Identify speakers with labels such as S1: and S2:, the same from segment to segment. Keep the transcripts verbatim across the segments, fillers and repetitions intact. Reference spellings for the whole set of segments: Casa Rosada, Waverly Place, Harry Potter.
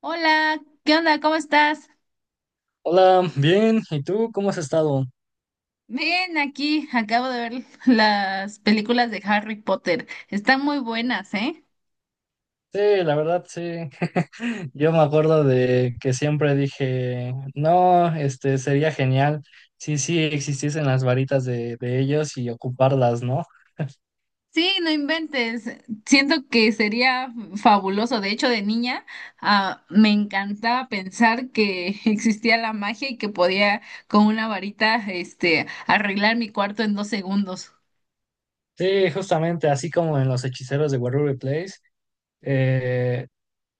S1: Hola, ¿qué onda? ¿Cómo estás?
S2: Hola, bien. ¿Y tú cómo has estado?
S1: Ven aquí, acabo de ver las películas de Harry Potter. Están muy buenas, ¿eh?
S2: Sí, la verdad, sí. Yo me acuerdo de que siempre dije, no, este sería genial. Sí, sí, existiesen las varitas de, de ellos y ocuparlas, ¿no?
S1: Sí, no inventes. Siento que sería fabuloso. De hecho, de niña, ah, me encantaba pensar que existía la magia y que podía con una varita, este, arreglar mi cuarto en dos segundos.
S2: Sí, justamente, así como en los hechiceros de Waverly Place, eh,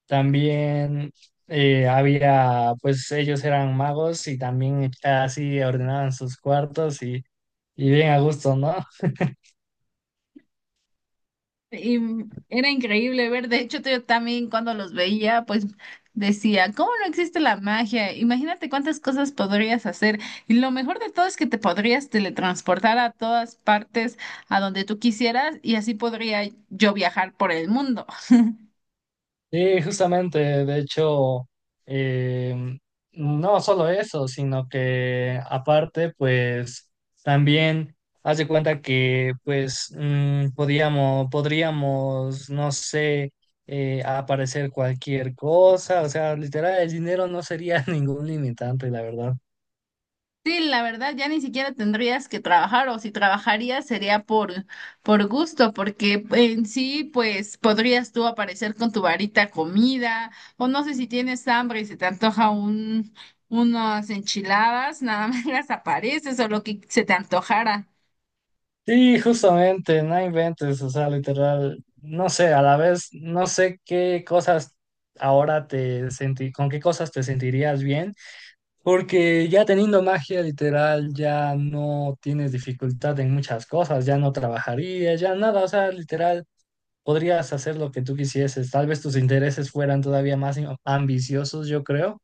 S2: también eh, había, pues ellos eran magos y también eh, así ordenaban sus cuartos y, y bien a gusto, ¿no?
S1: Y mm, era increíble ver, de hecho yo también cuando los veía, pues decía, ¿cómo no existe la magia? Imagínate cuántas cosas podrías hacer. Y lo mejor de todo es que te podrías teletransportar a todas partes, a donde tú quisieras, y así podría yo viajar por el mundo.
S2: Sí, justamente, de hecho, em, no solo eso, sino que aparte, pues también haz de cuenta que, pues, mm, podíamos, podríamos, no sé, eh, aparecer cualquier cosa, o sea, literal, el dinero no sería ningún limitante, la verdad.
S1: Sí, la verdad, ya ni siquiera tendrías que trabajar o si trabajarías sería por, por gusto, porque en sí, pues podrías tú aparecer con tu varita comida o no sé si tienes hambre y se te antoja un, unas enchiladas, nada más las apareces o lo que se te antojara.
S2: Sí, justamente, no inventes, o sea, literal, no sé, a la vez, no sé qué cosas ahora te sentí, con qué cosas te sentirías bien. Porque ya teniendo magia literal, ya no tienes dificultad en muchas cosas, ya no trabajarías, ya nada, o sea, literal, podrías hacer lo que tú quisieses, tal vez tus intereses fueran todavía más in- ambiciosos, yo creo.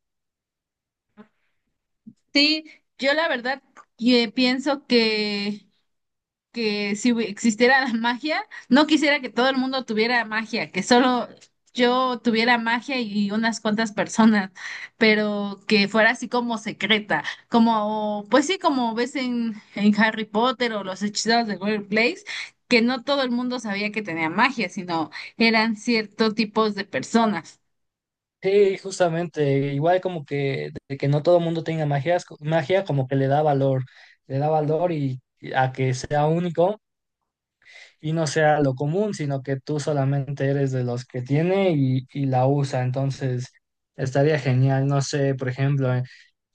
S1: Sí, yo la verdad eh, pienso que... que si hubi- existiera la magia, no quisiera que todo el mundo tuviera magia, que solo yo tuviera magia y unas cuantas personas, pero que fuera así como secreta, como, pues sí, como ves en, en Harry Potter o los hechiceros de Waverly Place, que no todo el mundo sabía que tenía magia, sino eran ciertos tipos de personas.
S2: Sí, justamente, igual como que de que no todo el mundo tenga magia, magia como que le da valor, le da valor y y a que sea único, y no sea lo común, sino que tú solamente eres de los que tiene y, y la usa. Entonces, estaría genial, no sé, por ejemplo, eh,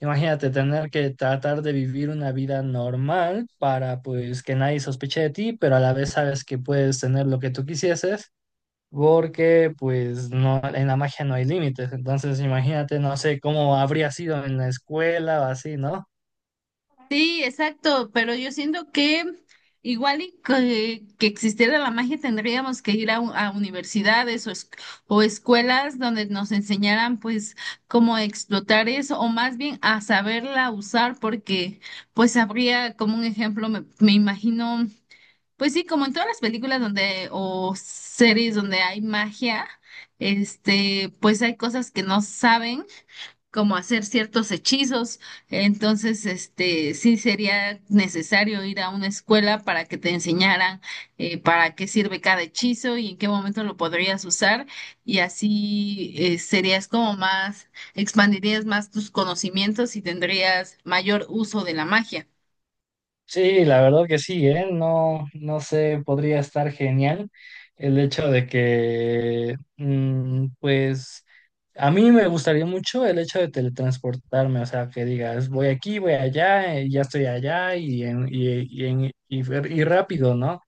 S2: imagínate tener que tratar de vivir una vida normal para pues que nadie sospeche de ti, pero a la vez sabes que puedes tener lo que tú quisieses. Porque pues no, en la magia no hay límites. Entonces imagínate, no sé cómo habría sido en la escuela o así, ¿no?
S1: Sí, exacto, pero yo siento que igual y que, que existiera la magia tendríamos que ir a, u- a universidades o, es- o escuelas donde nos enseñaran pues cómo explotar eso o más bien a saberla usar porque pues habría como un ejemplo, me, me imagino, pues sí, como en todas las películas donde o series donde hay magia, este, pues hay cosas que no saben como hacer ciertos hechizos. Entonces, este, sí sería necesario ir a una escuela para que te enseñaran eh, para qué sirve cada hechizo y en qué momento lo podrías usar. Y así eh, serías como más, expandirías más tus conocimientos y tendrías mayor uso de la magia.
S2: Sí, la verdad que sí, ¿eh? No, no sé, podría estar genial el hecho de que, mm, pues, a mí me gustaría mucho el hecho de teletransportarme, o sea, que digas, voy aquí, voy allá, eh, ya estoy allá y, en, y, y en, y, fer- y rápido, ¿no?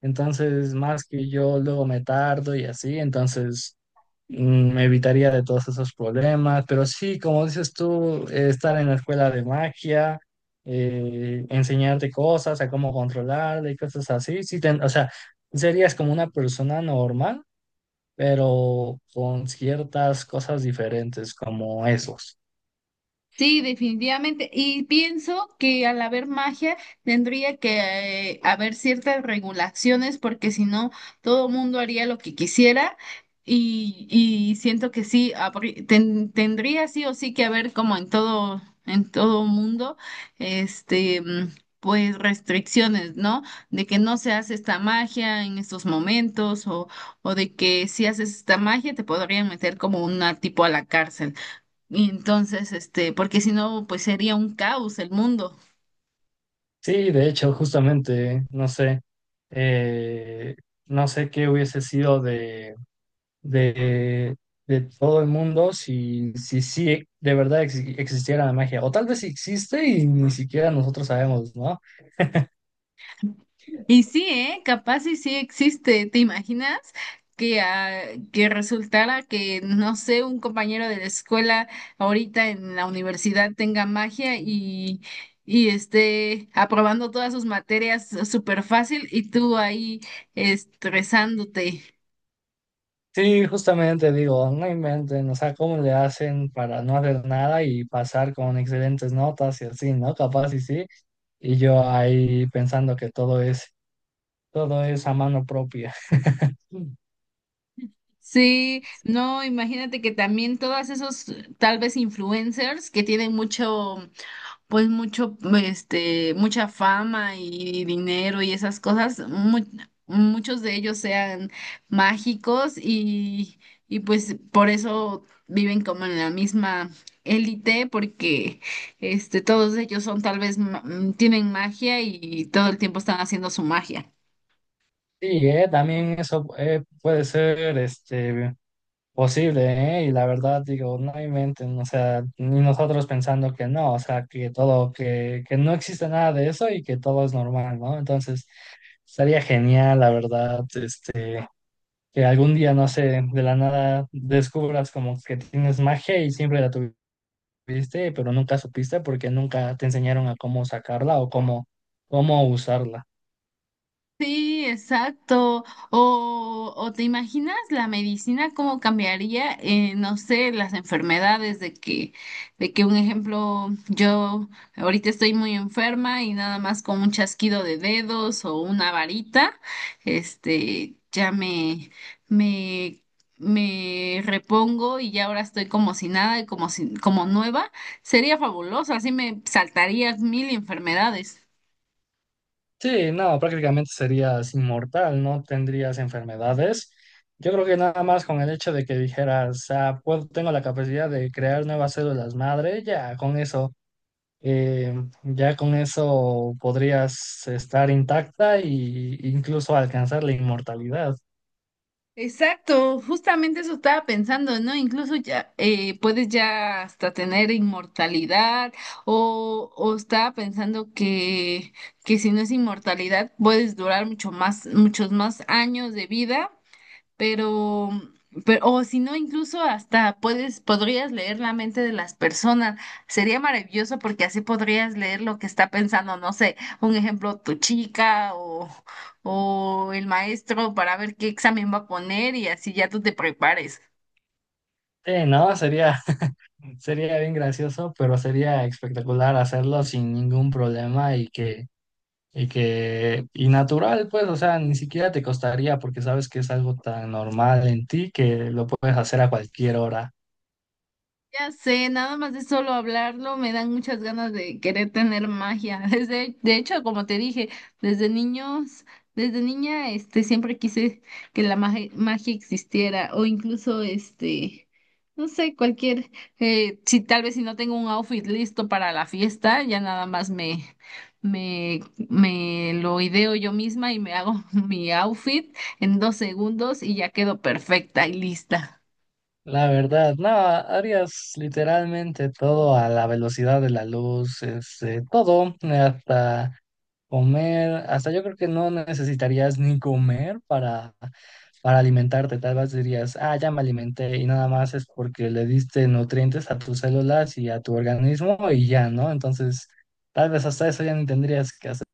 S2: Entonces, más que yo luego me tardo y así, entonces mm, me evitaría de todos esos problemas, pero sí, como dices tú, eh, estar en la escuela de magia, eh, enseñarte cosas, a cómo controlarla y cosas así, sí, ten- o sea, serías como una persona normal, pero con ciertas cosas diferentes como esos.
S1: Sí, definitivamente. Y pienso que al haber magia tendría que eh, haber ciertas regulaciones porque si no, todo mundo haría lo que quisiera y, y siento que sí, habrí- ten- tendría sí o sí que haber como en todo, en todo mundo, este, mm, pues restricciones, ¿no? De que no se hace esta magia en estos momentos o, o de que si haces esta magia te podrían meter como una tipo a la cárcel. Y entonces, este, porque si no, pues sería un caos el mundo.
S2: Sí, de hecho, justamente, no sé, eh, no sé qué hubiese sido de, de todo el mundo si, si, sí de verdad ex- existiera la magia. O tal vez existe y ni siquiera nosotros sabemos, ¿no?
S1: Y sí, ¿eh? Capaz y sí existe. ¿Te imaginas que, ah, que resultara que, no sé, un compañero de la escuela ahorita en la universidad tenga magia y, y esté aprobando todas sus materias súper fácil y tú ahí estresándote?
S2: Sí, justamente digo, no inventen, o sea, cómo le hacen para no hacer nada y pasar con excelentes notas y así, ¿no? Capaz y sí. Y yo ahí pensando que todo es, todo es a mano propia. Sí,
S1: Sí, no, imagínate que también todos esos tal vez influencers que tienen mucho pues mucho, este, mucha fama y dinero y esas cosas, mu- muchos de ellos sean mágicos y, y pues por eso viven como en la misma élite, porque este, todos ellos son tal vez, ma- mm, tienen magia y todo el tiempo están haciendo su magia.
S2: eh, también eso eh, puede ser este. Posible, ¿eh? Y la verdad, digo, no inventen, o sea, ni nosotros pensando que no, o sea, que todo, que, que no existe nada de eso y que todo es normal, ¿no? Entonces, estaría genial, la verdad, este, que algún día, no sé, de la nada descubras como que tienes magia y siempre la tuviste, pero nunca supiste porque nunca te enseñaron a cómo sacarla o cómo, cómo usarla.
S1: Sí, exacto. O, o te imaginas la medicina cómo cambiaría, eh, no sé, las enfermedades de que, de que un ejemplo, yo ahorita estoy muy enferma y nada más con un chasquido de dedos o una varita, este, ya me, me, me repongo y ya ahora estoy como si nada y como si, como nueva. Sería fabuloso, así me saltaría mil enfermedades.
S2: Sí, no, prácticamente serías inmortal, no tendrías enfermedades. Yo creo que nada más con el hecho de que dijeras, ah, puedo- tengo la capacidad de crear nuevas células madre, ya con eso, eh, ya con eso podrías estar intacta e incluso alcanzar la inmortalidad.
S1: Exacto, justamente eso estaba pensando, ¿no? Incluso ya eh, puedes ya hasta tener inmortalidad o, o estaba pensando que, que si no es inmortalidad puedes durar mucho más, muchos más años de vida pero, pero o si no, incluso hasta puedes, podrías leer la mente de las personas. Sería maravilloso porque así podrías leer lo que está pensando, no sé, un ejemplo, tu chica o, o el maestro para ver qué examen va a poner y así ya tú te prepares.
S2: Sí, no, sería, sería bien gracioso, pero sería espectacular hacerlo sin ningún problema y que Y que, y natural, pues, o sea, ni siquiera te costaría porque sabes que es algo tan normal en ti que lo puedes hacer a cualquier hora.
S1: Ya sé, nada más de solo hablarlo me dan muchas ganas de querer tener magia. Desde, de hecho, como te dije, desde niños, desde niña, este, siempre quise que la magia, magia existiera o incluso, este, no sé, cualquier, eh, si tal vez si no tengo un outfit listo para la fiesta, ya nada más me, me, me lo ideo yo misma y me hago mi outfit en dos segundos y ya quedo perfecta y lista.
S2: La verdad, no, harías literalmente todo a la velocidad de la luz, este, todo, hasta comer, hasta yo creo que no necesitarías ni comer para, para alimentarte. Tal vez dirías, ah, ya me alimenté y nada más es porque le diste nutrientes a tus células y a tu organismo y ya, ¿no? Entonces, tal vez hasta eso ya ni tendrías que hacer.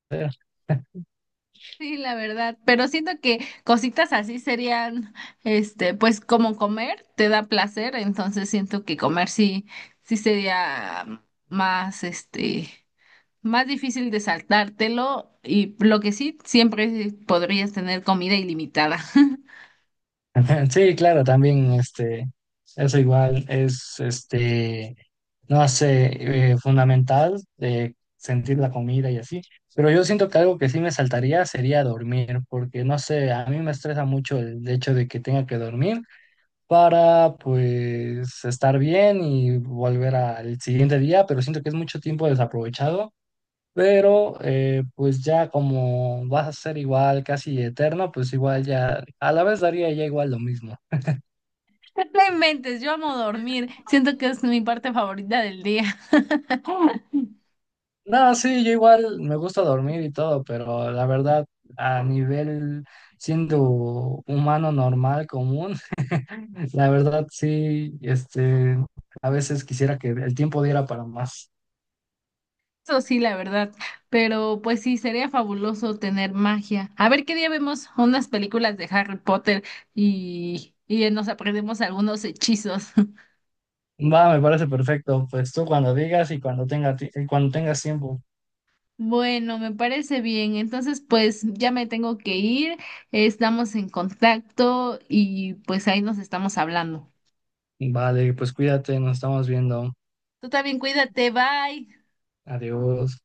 S1: Sí, la verdad, pero siento que cositas así serían, este, pues como comer te da placer, entonces siento que comer sí, sí sería más, este, más difícil de saltártelo y lo que sí, siempre podrías tener comida ilimitada.
S2: Sí, claro, también este, eso igual es este, no sé, eh, fundamental de sentir la comida y así. Pero yo siento que algo que sí me saltaría sería dormir, porque no sé, a mí me estresa mucho el hecho de que tenga que dormir para pues estar bien y volver al siguiente día, pero siento que es mucho tiempo desaprovechado. Pero eh, pues ya como vas a ser igual casi eterno, pues igual ya a la vez daría ya igual lo mismo.
S1: No inventes, yo amo dormir, siento que es mi parte favorita del día.
S2: No, sí, yo igual me gusta dormir y todo, pero la verdad, a nivel siendo humano normal, común, la verdad sí, este, a veces quisiera que el tiempo diera para más.
S1: Eso sí, la verdad. Pero pues sí, sería fabuloso tener magia. A ver qué día vemos unas películas de Harry Potter y, y nos aprendemos algunos hechizos.
S2: Va, me parece perfecto. Pues tú cuando digas y cuando tenga, ti- y cuando tengas tiempo.
S1: Bueno, me parece bien. Entonces, pues ya me tengo que ir. Estamos en contacto y pues ahí nos estamos hablando.
S2: Vale, pues cuídate, nos estamos viendo.
S1: Tú también cuídate, bye.
S2: Adiós.